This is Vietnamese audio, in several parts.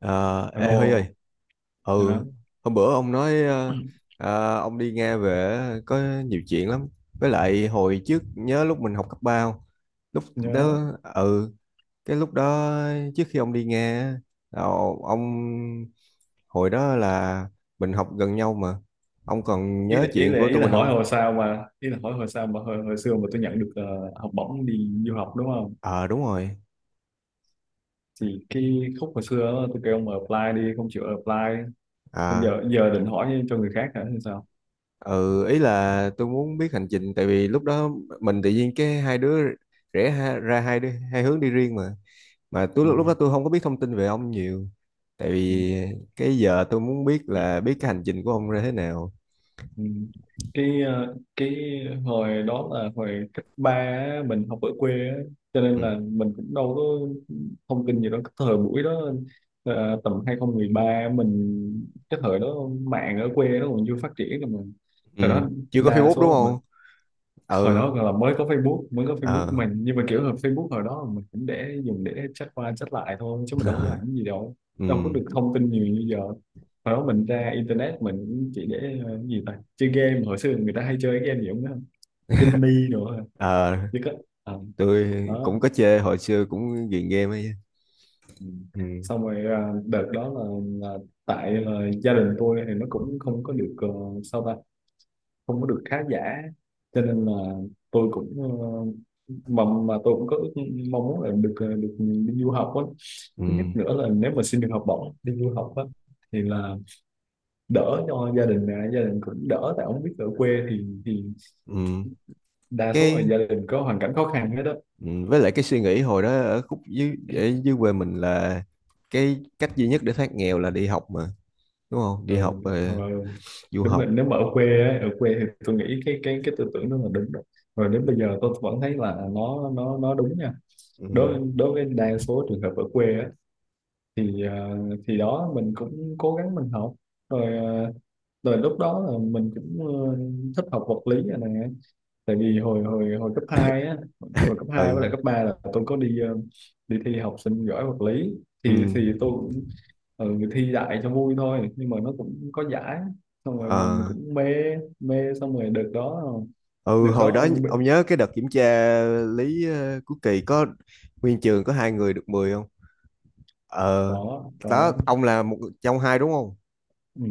Ờ, Ê Huy ơi, Alo. ừ, Nhớ. hôm bữa ông nói ông đi Nga về có nhiều chuyện lắm. Với lại hồi trước nhớ lúc mình học cấp ba không? Lúc Nhớ. đó, ừ, cái lúc đó trước khi ông đi Nga, á, ờ, ông hồi đó là mình học gần nhau mà. Ông còn ý nhớ là ý chuyện là của ý tụi là mình không? Hỏi hồi sao mà hồi xưa mà tôi nhận được học bổng đi du học đúng không? Ờ, đúng rồi. Thì cái khúc hồi xưa đó, tôi kêu ông apply, đi không chịu apply. Tôi À, giờ giờ định hỏi cho người khác hả hay sao? ừ, ý là tôi muốn biết hành trình, tại vì lúc đó mình tự nhiên cái hai đứa rẽ ha, ra hai đứa hai hướng đi riêng mà. Mà tôi Ừ. lúc lúc đó tôi không có biết thông tin về ông nhiều, tại vì cái giờ tôi muốn biết là biết cái hành trình của ông ra thế nào. Ừ. Cái hồi đó là hồi cấp ba á, mình học ở quê á, cho nên Ừ. là mình cũng đâu có thông tin gì đó cái thời buổi đó. Tầm 2013, mình cái thời đó mạng ở quê nó còn chưa phát triển rồi mà. Ừ. Thời đó Chưa có đa Facebook đúng số mà không? hồi Ừ. đó còn là mới có Facebook của Ờ. mình, nhưng mà kiểu là Facebook hồi đó là mình cũng để dùng để chat qua chat lại thôi chứ mình đâu có làm cái gì đâu, Ừ. đâu có được thông tin nhiều như giờ. Hồi đó mình ra internet mình cũng chỉ để cái gì ta, chơi game. Hồi xưa người ta hay chơi cái game gì cũng đó, Ginny nữa, Ờ, chứ có, à, tôi đó. cũng có chơi, hồi xưa cũng ghiền game ấy. Ừ. Ừ. Xong rồi đợt đó là tại là gia đình tôi thì nó cũng không có được, sao ta, không có được khá giả, cho nên là tôi cũng, mà tôi cũng có ước mong muốn là được đi du học á. Thứ nhất Ừ. nữa là nếu mà xin được học bổng đi du học á thì là đỡ cho gia đình nè, gia đình cũng đỡ, tại ông biết ở quê thì Ừ. đa số là Cái, gia đình có hoàn cảnh khó khăn hết đó. ừ. Với lại cái suy nghĩ hồi đó ở dưới quê mình là cái cách duy nhất để thoát nghèo là đi học mà, đúng không, ờ, đi học ờ, du Đúng rồi, học. nếu mà ở quê á, ở quê thì tôi nghĩ cái tư tưởng đó là đúng rồi. Rồi đến bây giờ tôi vẫn thấy là nó đúng nha. Ừ. Đối đối với đa số trường hợp ở quê á thì thì đó mình cũng cố gắng mình học rồi, rồi lúc đó là mình cũng thích học vật lý này nè, tại vì hồi hồi hồi cấp 2 á, hồi cấp hai với Ừ, lại cấp 3 là tôi có đi thi học sinh giỏi vật lý. ừ. Thì tôi cũng, thi đại cho vui thôi nhưng mà nó cũng có giải, xong rồi mình Ờ. cũng mê mê, xong rồi được đó. Ừ, Được đó, hồi đó ông nhớ cái đợt kiểm tra lý cuối kỳ có nguyên trường có hai người được 10 không? Ờ, có đó có. ông là một trong hai đúng không? Ừ,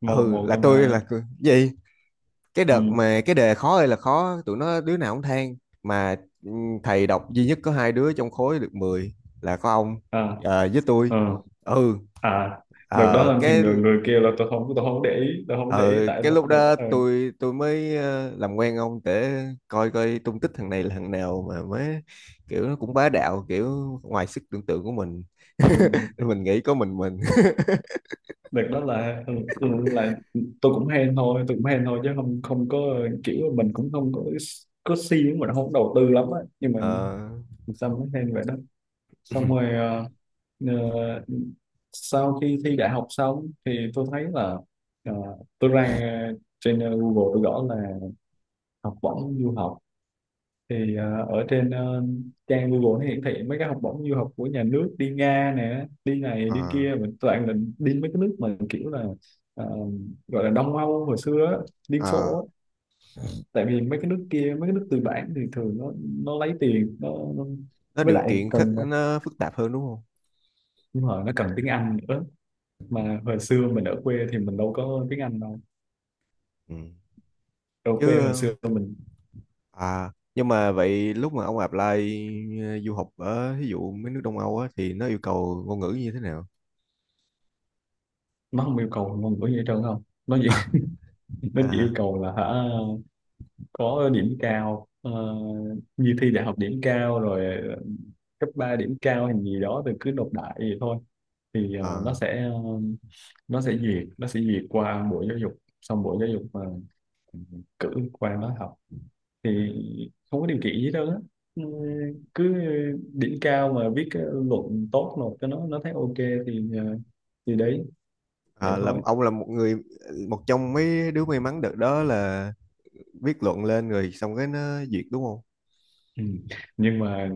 một Ừ, một là trong tôi hai đó. là người- gì? Cái Ừ. đợt mà cái đề khó ơi là khó, tụi nó đứa nào cũng than mà, ừ, thầy đọc duy nhất có hai đứa trong khối được 10 là có ông À. Với tôi. Ờ. Ừ. À. Đợt đó ờ, làm thì cái người người kia là tôi không để ý tôi không để ờ ý tại cái lúc đó tôi mới làm quen ông để coi coi tung tích thằng này là thằng nào mà mới, kiểu nó cũng bá đạo kiểu ngoài sức tưởng tượng của mình. ừ, Mình nghĩ có mình mình. đợt đó là, là tôi cũng hên thôi, tôi cũng hên thôi, chứ không không có kiểu là mình cũng không có siêng, mình không đầu tư lắm á, nhưng mà ờ sao mới hên vậy đó. Xong rồi Ờ, sau khi thi đại học xong thì tôi thấy là, ờ, tôi ra trên, Google tôi gõ là học bổng du học, thì ở trên trang Google nó hiển thị mấy cái học bổng du học của nhà nước, đi Nga nè, đi này ờ đi kia, mình toàn là đi mấy cái nước mà kiểu là, ờ, gọi là Đông Âu hồi xưa á, Liên ờ Xô á. Tại vì mấy cái nước kia, mấy cái nước tư bản thì thường nó lấy tiền nó. nó Với điều lại kiện khắc, cần, nó phức tạp hơn đúng không? đúng rồi, nó cần tiếng Anh nữa, mà hồi xưa mình ở quê thì mình đâu có tiếng Anh đâu. Ừ. Ở Chứ quê hồi xưa mình, à nhưng mà vậy lúc mà ông apply du học ở ví dụ mấy nước Đông Âu á thì nó yêu cầu ngôn ngữ như thế nào nó không yêu cầu ngôn ngữ gì hết trơn, không, nó chỉ nó chỉ yêu à? cầu là hả, có điểm cao, như thi đại học điểm cao rồi, cấp 3 điểm cao hay gì đó thì cứ nộp đại vậy thôi, thì Ờ. Nó sẽ duyệt qua bộ giáo dục, xong bộ giáo dục mà cử qua đó học thì không có điều kiện gì đâu á. Ừ, cứ điểm cao mà viết cái luận tốt nộp cho nó thấy ok thì thì đấy, vậy Ờ, là thôi. ông là một trong mấy đứa may mắn đợt đó là viết luận lên rồi xong cái nó duyệt đúng không? Ừ. Nhưng mà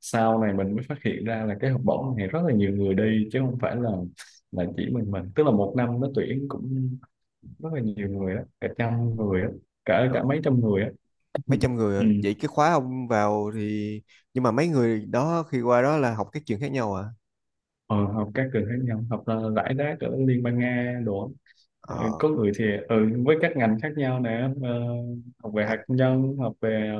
sau này mình mới phát hiện ra là cái học bổng này rất là nhiều người đi chứ không phải là chỉ mình, tức là một năm nó tuyển cũng rất là nhiều người á, cả trăm người á, cả Ờ, cả mấy trăm người á. mấy trăm người à? Ừ. Vậy cái khóa ông vào thì nhưng mà mấy người đó khi qua đó là học các trường khác nhau à? ờ, Học các trường khác nhau, học là rải rác ở Liên bang Nga đồ á. Ờ, Ờ. có người thì, với các ngành khác nhau nè, học về hạt À. nhân, học về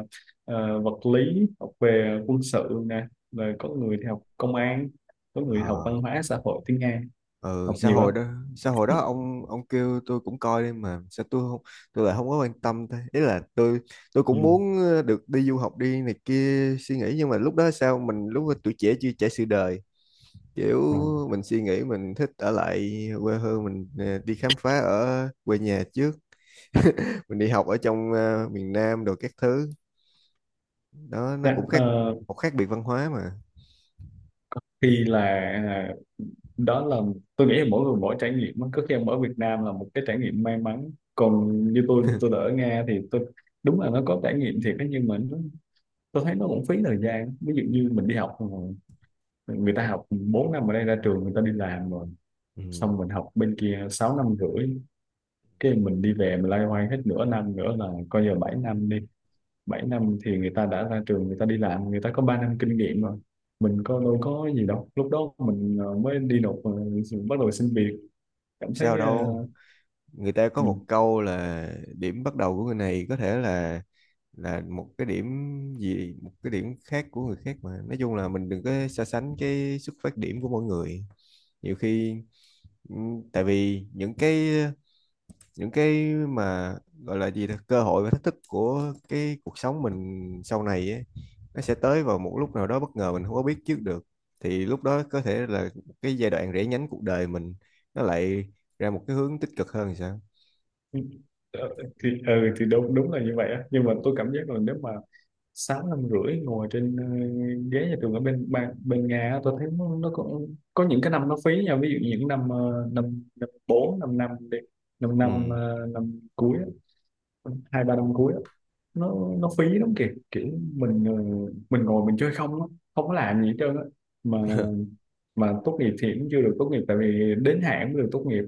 vật lý, học về quân sự nè, rồi có người thì học công an, có người học Ờ. văn hóa xã hội tiếng Nga, Ừ, học xã nhiều lắm. hội đó, xã hội đó ông kêu tôi cũng coi đi mà sao tôi không, tôi lại không có quan tâm thế, ý là tôi Ừ. cũng muốn được đi du học đi này kia, suy nghĩ nhưng mà lúc đó sao mình, lúc đó tuổi trẻ chưa trải sự đời, kiểu Ừ. mình suy nghĩ mình thích ở lại quê hương mình, đi khám phá ở quê nhà trước, mình đi học ở trong miền Nam đồ các thứ, đó nó Dạ. cũng khác, Ờ, một khác biệt văn hóa mà. có khi là, à, đó là, tôi nghĩ là mỗi người mỗi trải nghiệm á. Có khi ông ở Việt Nam là một cái trải nghiệm may mắn, còn như tôi đã ở Nga thì tôi, đúng là nó có trải nghiệm thiệt đó, nhưng mà tôi thấy nó cũng phí thời gian. Ví dụ như mình đi học rồi, người ta học 4 năm ở đây ra trường người ta đi làm rồi, Ừ. xong mình học bên kia 6 năm rưỡi, cái mình đi về mình loay hoay hết nửa năm nữa là coi giờ 7 năm đi, 7 năm thì người ta đã ra trường, người ta đi làm, người ta có 3 năm kinh nghiệm rồi, mình có đâu có gì đâu, lúc đó mình mới đi nộp, bắt đầu xin việc, cảm Sao thấy đâu, người ta có ừ, một câu là điểm bắt đầu của người này có thể là một cái điểm khác của người khác, mà nói chung là mình đừng có so sánh cái xuất phát điểm của mỗi người nhiều khi, ừ, tại vì những cái mà gọi là gì ta, cơ hội và thách thức của cái cuộc sống mình sau này ấy, nó sẽ tới vào một lúc nào đó bất ngờ, mình không có biết trước được, thì lúc đó có thể là cái giai đoạn rẽ nhánh cuộc đời mình nó lại ra một cái hướng tích cực hơn thì sao. ừ, ờ, thì thì đúng đúng là như vậy á, nhưng mà tôi cảm giác là nếu mà 6 năm rưỡi ngồi trên, ghế nhà trường ở bên ba- bên Nga á, tôi thấy nó có những cái năm nó phí nha, ví dụ những năm năm năm bốn năm năm đi, năm Ừ. năm năm cuối á, hai ba năm cuối á, nó phí lắm kìa kiểu mình, mình ngồi mình chơi không á, không có làm gì hết trơn á mà. Mà tốt nghiệp thì cũng chưa được tốt nghiệp, tại vì đến hạn mới được tốt nghiệp,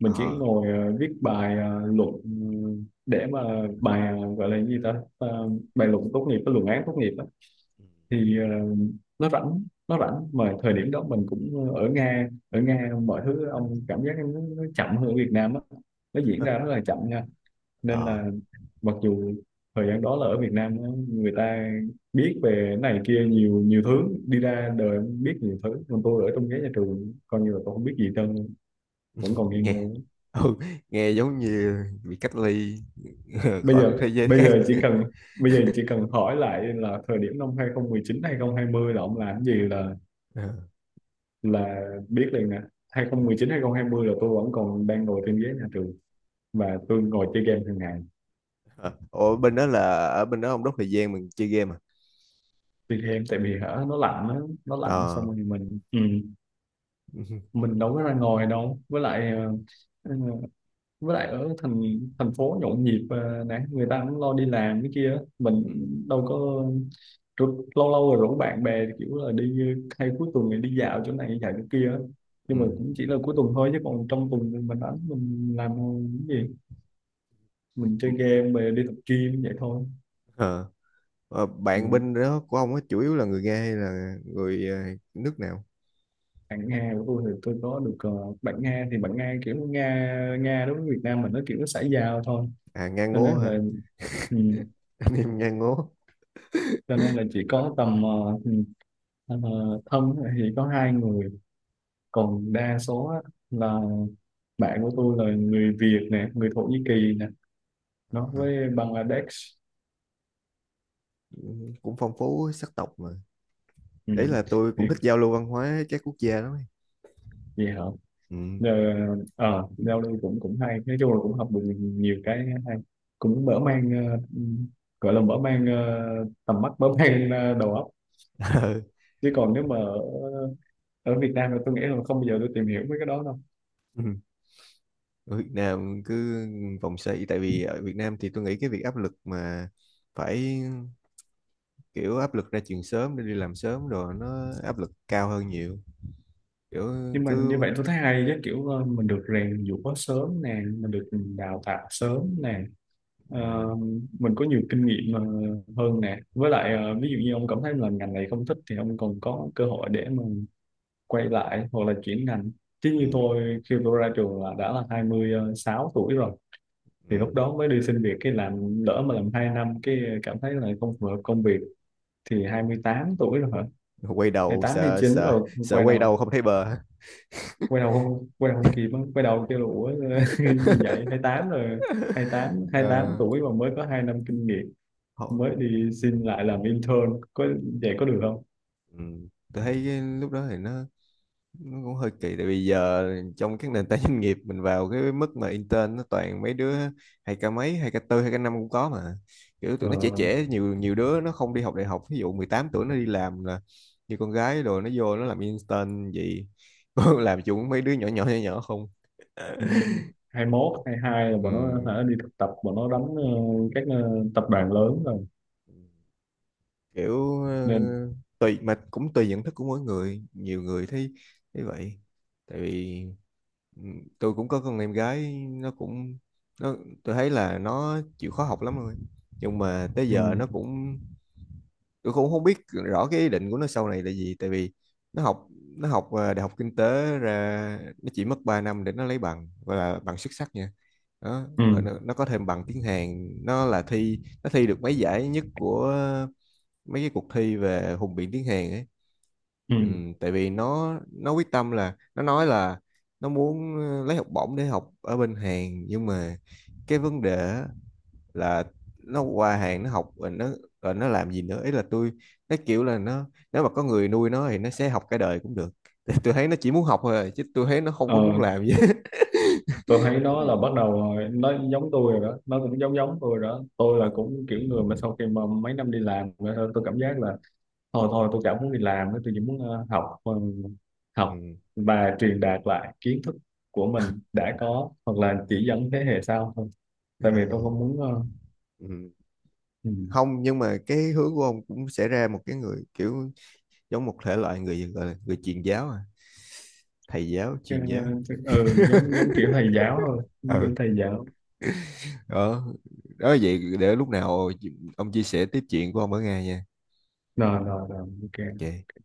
mình chỉ Ờ. ngồi viết bài luận để mà bài, gọi là gì ta, bài luận tốt nghiệp, cái luận án tốt nghiệp á, thì nó rảnh mà, thời điểm đó mình cũng ở Nga, mọi thứ ông cảm giác nó chậm hơn ở Việt Nam á, nó diễn Ừ. ra rất là chậm nha, nên Ờ. là. Mặc dù thời gian đó là ở Việt Nam á, người ta biết về cái này kia nhiều, nhiều thứ đi ra đời biết nhiều thứ, còn tôi ở trong ghế nhà trường coi như là tôi không biết gì hết trơn, vẫn còn nghi nghe ngờ. ừ, nghe giống như bị cách ly, Bây khỏi giờ một thế giới bây khác. giờ chỉ cần bây giờ chỉ cần hỏi lại là thời điểm năm hai hai chín hai 2020 là ông làm cái gì là Ờ. là biết liền nè. Hai hai chín hai 2020 là tôi vẫn còn đang ngồi trên ghế nhà trường và tôi ngồi chơi game hàng ngày. Ờ. Ủa bên đó là ở bên đó ông đốt thời gian mình chơi game à? Chơi game tại vì hả nó lạnh á, nó lạnh Ờ. xong rồi mình. Ừ. Ừ. Mình đâu có ra ngoài đâu, với lại ờ, ở thành thành phố nhộn nhịp nè, người ta cũng lo đi làm cái kia, mình đâu có, lâu lâu rồi rủ bạn bè kiểu là đi, hay cuối tuần thì đi dạo chỗ này dạo chỗ kia Ừ. nhưng mà cũng chỉ là cuối tuần thôi, chứ còn trong tuần thì mình đánh mình làm cái gì, mình Ừ. chơi game về đi tập gym vậy thôi. Ờ. Ờ, bạn Ừ. bên đó của ông á chủ yếu là người Nga hay là người nước nào? Bạn Nga của tôi thì tôi có được, bạn Nga thì bạn Nga, kiểu Nga Nga đối với Việt Nam mình nó kiểu nó xã giao thôi, À, Nga cho ngố nên hả? là Ừ. Anh em Nga ngố. Cho nên là chỉ có tầm, ờ, thân thì có hai người, còn đa số á, là bạn của tôi là người Việt nè, người Thổ Nhĩ Kỳ nè, nó Ờ, với Bangladesh. cũng phong phú sắc tộc mà. Ừ. Đấy là tôi Thì cũng thích giao lưu văn hóa các quốc gia lắm ấy. gì hả? Ừ. Giờ giao lưu cũng cũng hay, nói chung là cũng học được nhiều cái hay, cũng mở mang, gọi là mở mang tầm mắt, mở mang đầu óc. Chứ còn nếu mà ở ở Việt Nam thì tôi nghĩ là không bao giờ tôi tìm hiểu mấy cái đó đâu. Ừ. Ở Việt Nam cứ vòng xoay, tại vì ở Việt Nam thì tôi nghĩ cái việc áp lực mà phải, kiểu áp lực ra trường sớm để đi làm sớm rồi nó áp lực cao hơn nhiều, kiểu Nhưng mà cứ, như vậy tôi thấy hay chứ kiểu, mình được rèn giũa sớm nè, mình được đào tạo sớm nè. Ờ, ừ, mình có nhiều kinh nghiệm hơn nè, với lại ví dụ như ông cảm thấy là ngành này không thích thì ông còn có cơ hội để mà quay lại hoặc là chuyển ngành, chứ như ừ, tôi khi tôi ra trường là đã là hai mươi sáu tuổi rồi, thì ừ. lúc đó mới đi xin việc cái làm, lỡ mà làm 2 năm cái cảm thấy là không phù hợp công việc thì 28 tuổi rồi hả? Hai Quay mươi đầu tám, hai mươi sợ chín sợ rồi, sợ, quay đầu không thấy bờ. Quay đầu không kịp á. Quay đầu kêu là ủa như vậy 28 rồi, 28 tám Ờ, tuổi mà mới có 2 năm kinh nghiệm, họ- mới đi xin lại làm intern có vậy có được không? ừ. Tôi thấy cái lúc đó thì nó cũng hơi kỳ, tại vì giờ trong các nền tảng doanh nghiệp mình vào cái mức mà intern nó toàn mấy đứa hai k mấy 2k4 2k5 cũng có mà, kiểu ờ, tụi nó trẻ trẻ, nhiều nhiều đứa nó không đi học đại học, ví dụ 18 tuổi nó đi làm là như con gái rồi, nó vô nó làm intern gì, làm chung mấy đứa nhỏ nhỏ nhỏ nhỏ không. ừm, Hai mốt hai hai là bọn Ừ, nó hả, đi thực tập bọn nó đóng các tập đoàn lớn rồi kiểu nên. tùy mà cũng tùy nhận thức của mỗi người, nhiều người thấy thấy vậy, tại vì ừ, tôi cũng có con em gái nó cũng, nó, tôi thấy là nó chịu khó học lắm rồi, nhưng mà tới giờ ừm, nó cũng, tôi cũng không biết rõ cái ý định của nó sau này là gì, tại vì nó học nó học đại học kinh tế, ra nó chỉ mất 3 năm để nó lấy bằng, gọi là bằng xuất sắc nha, đó rồi ừm, nó có thêm bằng tiếng Hàn, nó là thi, nó thi được mấy giải nhất của mấy cái cuộc thi về hùng biện tiếng Hàn ấy, ừ, ừm. tại vì nó quyết tâm là nó nói là nó muốn lấy học bổng để học ở bên Hàn, nhưng mà cái vấn đề á, là nó qua Hàn nó học rồi nó, rồi nó làm gì nữa, ý là tôi, nó kiểu là nó, nếu mà có người nuôi nó thì nó sẽ học cả đời cũng được. Tại tôi thấy nó chỉ muốn học thôi à, chứ tôi thấy nó không Ờ, có muốn làm gì hết. tôi thấy nó là bắt đầu rồi, nó giống tôi rồi đó, nó cũng giống giống tôi rồi đó, tôi là cũng kiểu người mà sau khi mà mấy năm đi làm rồi tôi cảm giác là thôi thôi tôi chẳng muốn đi làm nữa, tôi chỉ muốn học Ừ. và truyền đạt lại kiến thức của mình đã có hoặc là chỉ dẫn thế hệ sau thôi, tại vì Ờ, tôi không muốn ừ. ừ, Không nhưng mà cái hướng của ông cũng sẽ ra một cái người kiểu giống một thể loại người gọi là người truyền giáo à, thầy giáo ờ, chuyên giáo. Giống giống kiểu thầy giáo thôi, giống kiểu Ừ, thầy giáo, đó đó, vậy để lúc nào ông chia sẻ tiếp chuyện của ông ở Nga nha. rồi, rồi, rồi, ok. Ok.